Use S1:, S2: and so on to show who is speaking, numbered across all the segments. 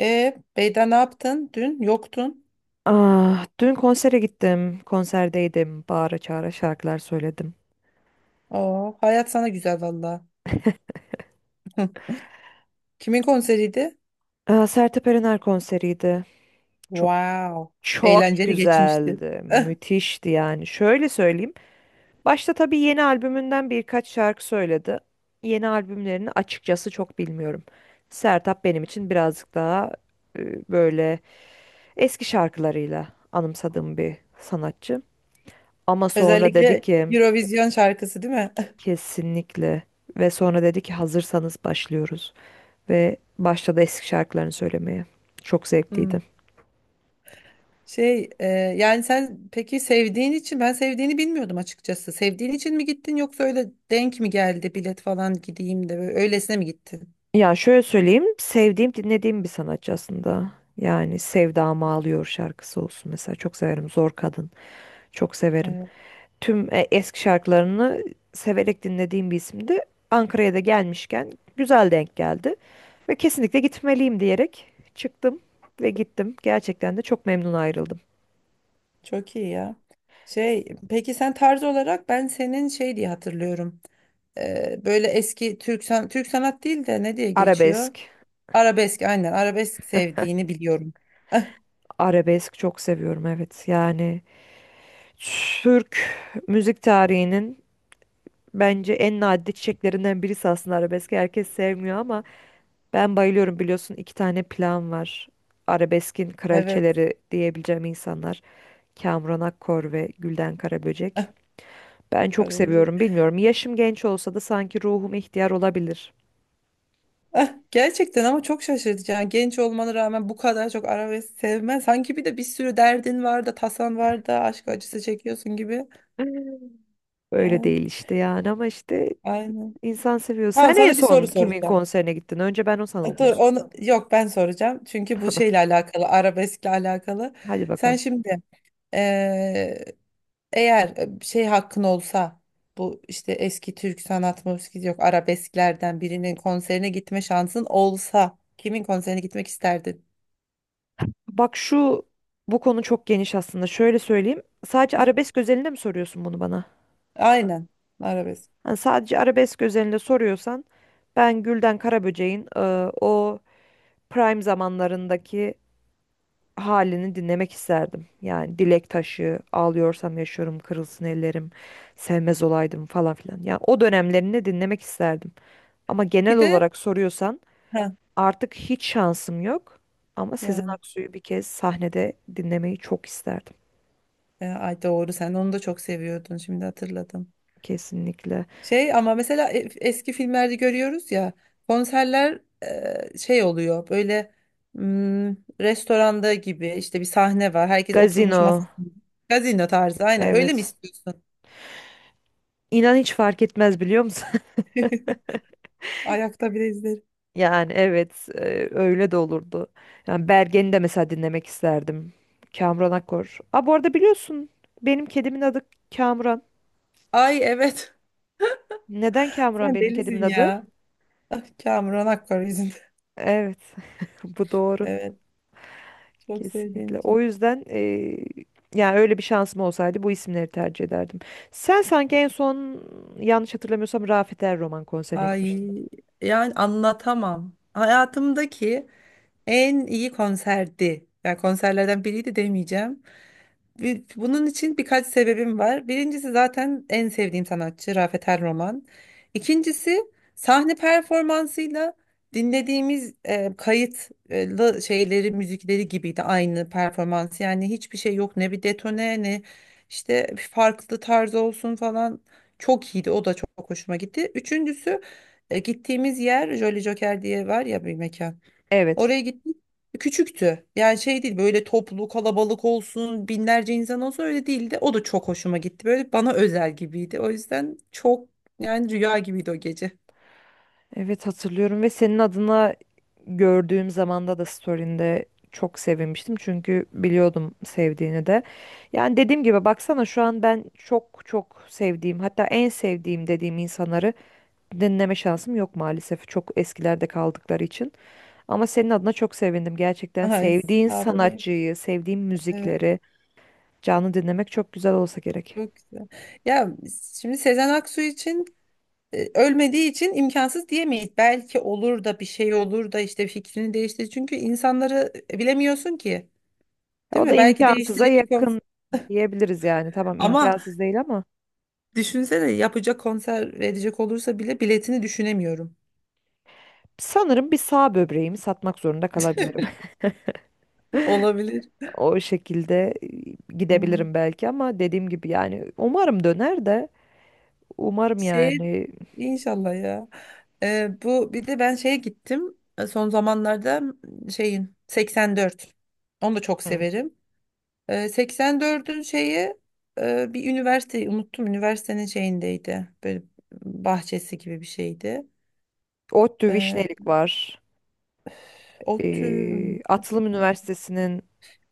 S1: Beyda ne yaptın? Dün yoktun.
S2: Ah, dün konsere gittim. Konserdeydim. Bağıra çağıra şarkılar söyledim.
S1: Oo, hayat sana güzel valla. Kimin konseriydi?
S2: Ah, Sertab Erener konseriydi. Çok
S1: Wow.
S2: çok
S1: Eğlenceli geçmişti.
S2: güzeldi. Müthişti yani. Şöyle söyleyeyim. Başta tabii yeni albümünden birkaç şarkı söyledi. Yeni albümlerini açıkçası çok bilmiyorum. Sertab benim için birazcık daha böyle eski şarkılarıyla anımsadığım bir sanatçı. Ama sonra dedi
S1: Özellikle
S2: ki
S1: Eurovision şarkısı değil mi?
S2: kesinlikle ve sonra dedi ki hazırsanız başlıyoruz. Ve başladı eski şarkılarını söylemeye. Çok
S1: Hmm.
S2: zevkliydi.
S1: Yani sen peki sevdiğin için ben sevdiğini bilmiyordum açıkçası. Sevdiğin için mi gittin yoksa öyle denk mi geldi bilet falan gideyim de böyle öylesine mi gittin?
S2: Ya şöyle söyleyeyim, sevdiğim, dinlediğim bir sanatçı aslında. Yani Sevdamı Ağlıyor şarkısı olsun mesela. Çok severim. Zor Kadın. Çok severim.
S1: Evet,
S2: Tüm eski şarkılarını severek dinlediğim bir isimdi. Ankara'ya da gelmişken güzel denk geldi. Ve kesinlikle gitmeliyim diyerek çıktım ve gittim. Gerçekten de çok memnun ayrıldım.
S1: çok iyi ya. Peki sen tarz olarak ben senin şey diye hatırlıyorum. Böyle eski Türk sanat değil de ne diye geçiyor?
S2: Arabesk.
S1: Arabesk, aynen, arabesk sevdiğini biliyorum. Ah,
S2: Arabesk çok seviyorum, evet. Yani Türk müzik tarihinin bence en nadide çiçeklerinden birisi aslında arabeski. Herkes sevmiyor ama ben bayılıyorum, biliyorsun iki tane plan var. Arabeskin
S1: evet,
S2: kraliçeleri diyebileceğim insanlar. Kamuran Akkor ve Gülden Karaböcek. Ben çok
S1: arabesk.
S2: seviyorum, bilmiyorum. Yaşım genç olsa da sanki ruhum ihtiyar olabilir.
S1: Ah, gerçekten ama çok şaşırtıcı. Yani genç olmana rağmen bu kadar çok arabesk sevmen. Sanki bir de bir sürü derdin var da tasan var da aşk acısı çekiyorsun gibi.
S2: Öyle
S1: Yani
S2: değil işte yani, ama işte
S1: aynen.
S2: insan seviyor.
S1: Tamam,
S2: Sen en
S1: sana bir
S2: son
S1: soru
S2: kimin
S1: soracağım.
S2: konserine gittin? Önce ben o sana bunu.
S1: Dur, onu yok, ben soracağım. Çünkü bu şeyle alakalı, arabeskle alakalı.
S2: Hadi
S1: Sen
S2: bakalım.
S1: şimdi eğer şey hakkın olsa, bu işte eski Türk sanat müziği yok arabesklerden birinin konserine gitme şansın olsa kimin konserine gitmek isterdin?
S2: Bak şu bu konu çok geniş aslında. Şöyle söyleyeyim. Sadece arabesk özelinde mi soruyorsun bunu bana?
S1: Aynen, arabesk.
S2: Hani sadece arabesk özelinde soruyorsan ben Gülden Karaböcek'in o prime zamanlarındaki halini dinlemek isterdim. Yani Dilek Taşı, Ağlıyorsam Yaşıyorum, Kırılsın Ellerim, Sevmez Olaydım falan filan. Yani o dönemlerini dinlemek isterdim. Ama genel
S1: Bir de
S2: olarak soruyorsan
S1: ha,
S2: artık hiç şansım yok. Ama Sezen
S1: yani
S2: Aksu'yu bir kez sahnede dinlemeyi çok isterdim.
S1: ay doğru, sen onu da çok seviyordun, şimdi hatırladım.
S2: Kesinlikle.
S1: Ama mesela eski filmlerde görüyoruz ya konserler, şey oluyor, böyle hmm, restoranda gibi, işte bir sahne var, herkes oturmuş
S2: Gazino.
S1: masasında, gazino tarzı, aynen öyle mi
S2: Evet.
S1: istiyorsun?
S2: İnan hiç fark etmez, biliyor musun?
S1: Ayakta bile izlerim.
S2: Yani evet, öyle de olurdu. Yani Bergen'i de mesela dinlemek isterdim. Kamuran Akkor. Aa, bu arada biliyorsun benim kedimin adı Kamuran.
S1: Ay, evet.
S2: Neden Kamuran
S1: Sen
S2: benim kedimin
S1: delisin
S2: adı?
S1: ya. Ah, Kamuran Akkor yüzünden.
S2: Evet, bu doğru,
S1: Evet. Çok sevdiğim
S2: kesinlikle. O
S1: için.
S2: yüzden yani öyle bir şansım olsaydı bu isimleri tercih ederdim. Sen sanki en son, yanlış hatırlamıyorsam, Rafet Er Roman konserine gitmiştin.
S1: Ay, yani anlatamam. Hayatımdaki en iyi konserdi. Yani konserlerden biriydi demeyeceğim. Bunun için birkaç sebebim var. Birincisi, zaten en sevdiğim sanatçı Rafet El Roman. İkincisi, sahne performansıyla dinlediğimiz kayıt şeyleri, müzikleri gibiydi aynı performans. Yani hiçbir şey yok, ne bir detone, ne işte bir farklı tarz olsun falan. Çok iyiydi. O da çok hoşuma gitti. Üçüncüsü, gittiğimiz yer Jolly Joker diye var ya, bir mekan.
S2: Evet.
S1: Oraya gittik. Küçüktü. Yani şey değil, böyle toplu kalabalık olsun, binlerce insan olsun, öyle değildi. O da çok hoşuma gitti. Böyle bana özel gibiydi. O yüzden çok, yani rüya gibiydi o gece.
S2: Evet, hatırlıyorum ve senin adına gördüğüm zamanda da story'inde çok sevinmiştim. Çünkü biliyordum sevdiğini de. Yani dediğim gibi, baksana, şu an ben çok çok sevdiğim, hatta en sevdiğim dediğim insanları dinleme şansım yok maalesef. Çok eskilerde kaldıkları için. Ama senin adına çok sevindim gerçekten.
S1: Ay,
S2: Sevdiğin
S1: sağ ol bebeğim.
S2: sanatçıyı, sevdiğin
S1: Evet,
S2: müzikleri canlı dinlemek çok güzel olsa gerek.
S1: çok güzel. Ya şimdi Sezen Aksu için ölmediği için imkansız diyemeyiz. Belki olur da bir şey olur da işte fikrini değiştir. Çünkü insanları bilemiyorsun ki. Değil
S2: O da
S1: mi? Belki
S2: imkansıza
S1: değiştirir bir konser.
S2: yakın diyebiliriz yani. Tamam,
S1: Ama
S2: imkansız değil ama.
S1: düşünsene, yapacak konser verecek olursa bile biletini düşünemiyorum.
S2: Sanırım bir sağ böbreğimi satmak zorunda kalabilirim.
S1: Olabilir.
S2: O şekilde
S1: Hmm.
S2: gidebilirim belki, ama dediğim gibi yani umarım döner de umarım
S1: Şey
S2: yani.
S1: inşallah ya. Bu bir de, ben şeye gittim. Son zamanlarda şeyin 84. Onu da çok
S2: Hı.
S1: severim. 84'ün şeyi, bir üniversite, unuttum. Üniversitenin şeyindeydi. Böyle bahçesi gibi bir şeydi.
S2: ODTÜ
S1: Ee,
S2: Vişnelik var.
S1: ODTÜ mü
S2: Atılım
S1: acaba?
S2: Üniversitesi'nin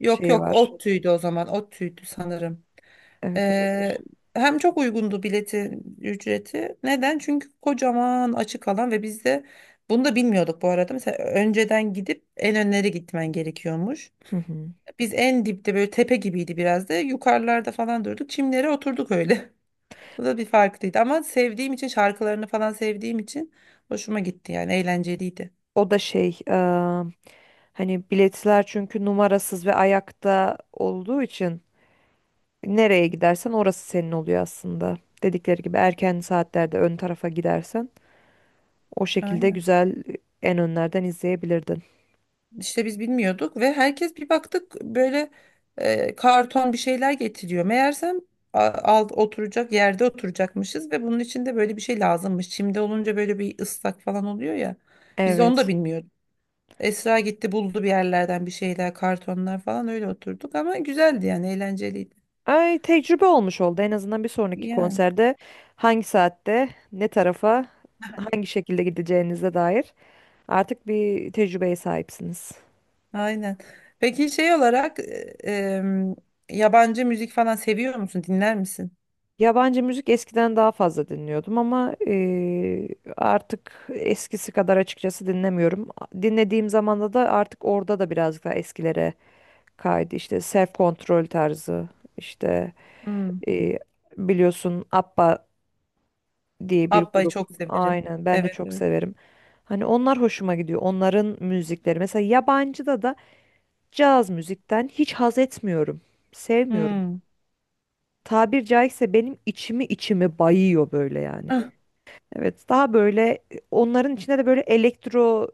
S1: Yok
S2: şeyi
S1: yok,
S2: var.
S1: ODTÜ'ydü o zaman. ODTÜ'ydü sanırım.
S2: Evet,
S1: Ee,
S2: olabilir.
S1: Hem çok uygundu biletin ücreti. Neden? Çünkü kocaman açık alan ve biz de bunu da bilmiyorduk bu arada. Mesela önceden gidip en önlere gitmen gerekiyormuş.
S2: Hı hı.
S1: Biz en dipte, böyle tepe gibiydi biraz da. Yukarılarda falan durduk. Çimlere oturduk öyle. Bu da bir farklıydı ama sevdiğim için, şarkılarını falan sevdiğim için hoşuma gitti, yani eğlenceliydi.
S2: O da şey, hani biletler çünkü numarasız ve ayakta olduğu için nereye gidersen orası senin oluyor aslında. Dedikleri gibi, erken saatlerde ön tarafa gidersen o şekilde
S1: Aynen.
S2: güzel en önlerden izleyebilirdin.
S1: İşte biz bilmiyorduk ve herkes, bir baktık böyle karton bir şeyler getiriyor. Meğersem alt oturacak yerde oturacakmışız ve bunun için de böyle bir şey lazımmış. Çimde olunca böyle bir ıslak falan oluyor ya. Biz onu da
S2: Evet.
S1: bilmiyorduk. Esra gitti, buldu bir yerlerden bir şeyler, kartonlar falan, öyle oturduk ama güzeldi, yani eğlenceliydi.
S2: Ay, tecrübe olmuş oldu. En azından bir sonraki
S1: Yani
S2: konserde hangi saatte, ne tarafa, hangi şekilde gideceğinize dair artık bir tecrübeye sahipsiniz.
S1: aynen. Peki şey olarak em, yabancı müzik falan seviyor musun? Dinler misin?
S2: Yabancı müzik eskiden daha fazla dinliyordum ama artık eskisi kadar açıkçası dinlemiyorum. Dinlediğim zamanda da artık orada da birazcık daha eskilere kaydı. İşte Self Control tarzı, işte
S1: Hmm.
S2: eee, biliyorsun ABBA diye bir
S1: Abba'yı
S2: grup.
S1: çok severim.
S2: Aynen, ben de
S1: Evet,
S2: çok
S1: evet.
S2: severim. Hani onlar hoşuma gidiyor. Onların müzikleri. Mesela yabancıda da caz müzikten hiç haz etmiyorum. Sevmiyorum.
S1: Hmm.
S2: Tabir caizse benim içimi bayıyor böyle yani. Evet, daha böyle onların içinde de böyle elektro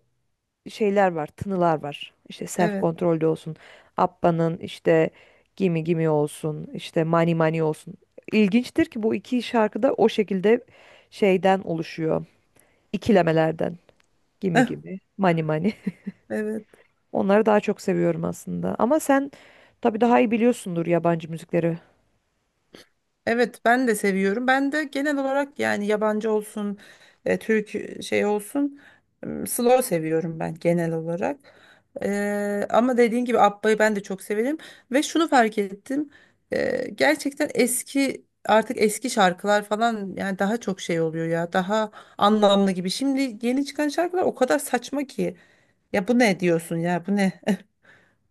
S2: şeyler var, tınılar var. İşte Self
S1: Evet.
S2: Control'de olsun, Abba'nın işte Gimme Gimme olsun, işte Money Money olsun. İlginçtir ki bu iki şarkı da o şekilde şeyden oluşuyor, ikilemelerden. Gimi
S1: Eh,
S2: gibi. Mani mani.
S1: evet.
S2: Onları daha çok seviyorum aslında. Ama sen tabii daha iyi biliyorsundur yabancı müzikleri.
S1: Evet, ben de seviyorum. Ben de genel olarak, yani yabancı olsun, Türk şey olsun, slow seviyorum ben genel olarak. Ama dediğin gibi, Abba'yı ben de çok severim ve şunu fark ettim. Gerçekten eski, artık eski şarkılar falan, yani daha çok şey oluyor ya. Daha anlamlı gibi. Şimdi yeni çıkan şarkılar o kadar saçma ki. Ya bu ne diyorsun, ya bu ne?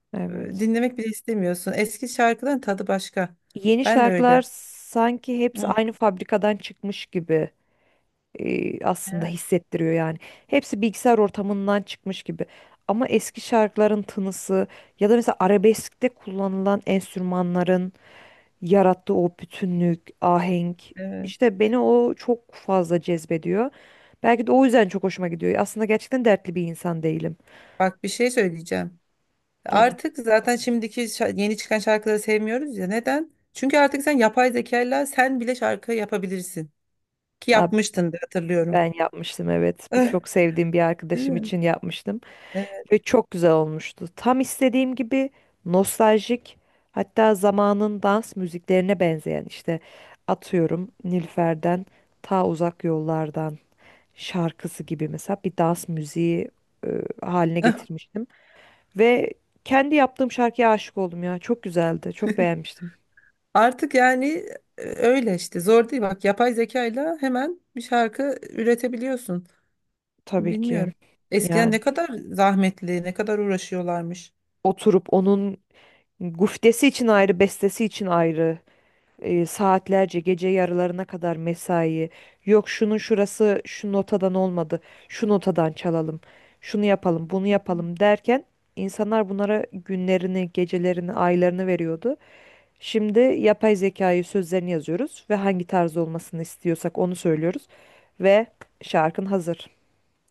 S2: Evet.
S1: Dinlemek bile istemiyorsun. Eski şarkıların tadı başka.
S2: Yeni
S1: Ben de
S2: şarkılar
S1: öyle.
S2: sanki hepsi
S1: Hı.
S2: aynı fabrikadan çıkmış gibi aslında hissettiriyor yani. Hepsi bilgisayar ortamından çıkmış gibi. Ama eski şarkıların tınısı ya da mesela arabeskte kullanılan enstrümanların yarattığı o bütünlük, ahenk,
S1: Evet.
S2: işte beni o çok fazla cezbediyor. Belki de o yüzden çok hoşuma gidiyor. Aslında gerçekten dertli bir insan değilim.
S1: Bak, bir şey söyleyeceğim.
S2: Tabii.
S1: Artık zaten şimdiki yeni çıkan şarkıları sevmiyoruz ya. Neden? Çünkü artık sen yapay zekayla, sen bile şarkı yapabilirsin. Ki
S2: Abi
S1: yapmıştın da, hatırlıyorum.
S2: ben yapmıştım, evet. Bir
S1: Eh,
S2: çok sevdiğim bir
S1: değil
S2: arkadaşım
S1: mi?
S2: için yapmıştım
S1: Evet.
S2: ve çok güzel olmuştu. Tam istediğim gibi nostaljik, hatta zamanın dans müziklerine benzeyen, işte atıyorum Nilüfer'den Ta Uzak Yollardan şarkısı gibi mesela, bir dans müziği haline
S1: Eh,
S2: getirmiştim. Ve kendi yaptığım şarkıya aşık oldum ya. Çok güzeldi. Çok beğenmiştim.
S1: artık yani öyle işte, zor değil. Bak, yapay zekayla hemen bir şarkı üretebiliyorsun.
S2: Tabii ki.
S1: Bilmiyorum. Eskiden
S2: Yani
S1: ne kadar zahmetli, ne kadar uğraşıyorlarmış.
S2: oturup onun guftesi için ayrı, bestesi için ayrı, saatlerce gece yarılarına kadar mesai. Yok şunun şurası şu notadan olmadı. Şu notadan çalalım. Şunu yapalım, bunu yapalım derken insanlar bunlara günlerini, gecelerini, aylarını veriyordu. Şimdi yapay zekayı sözlerini yazıyoruz ve hangi tarz olmasını istiyorsak onu söylüyoruz ve şarkın hazır.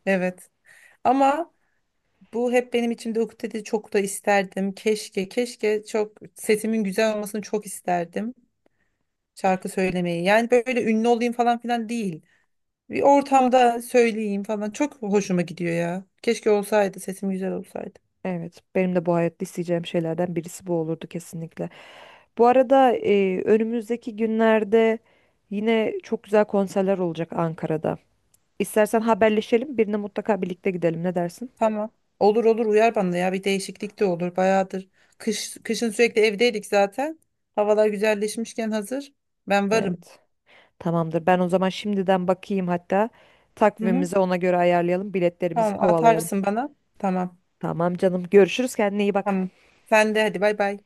S1: Evet. Ama bu hep benim içimde ukdede, çok da isterdim. Keşke, keşke, çok sesimin güzel olmasını çok isterdim. Şarkı söylemeyi. Yani böyle ünlü olayım falan filan değil. Bir ortamda söyleyeyim falan. Çok hoşuma gidiyor ya. Keşke olsaydı, sesim güzel olsaydı.
S2: Evet, benim de bu hayatta isteyeceğim şeylerden birisi bu olurdu kesinlikle. Bu arada önümüzdeki günlerde yine çok güzel konserler olacak Ankara'da. İstersen haberleşelim, birine mutlaka birlikte gidelim. Ne dersin?
S1: Tamam. Olur olur, uyar bana ya. Bir değişiklik de olur. Bayağıdır. Kışın sürekli evdeydik zaten. Havalar güzelleşmişken hazır. Ben varım.
S2: Evet. Tamamdır. Ben o zaman şimdiden bakayım, hatta
S1: Hı hı.
S2: takvimimizi ona göre ayarlayalım, biletlerimizi
S1: Tamam,
S2: kovalayalım.
S1: atarsın bana. Tamam.
S2: Tamam canım. Görüşürüz. Kendine iyi bak.
S1: Tamam. Sen de hadi, bay bay.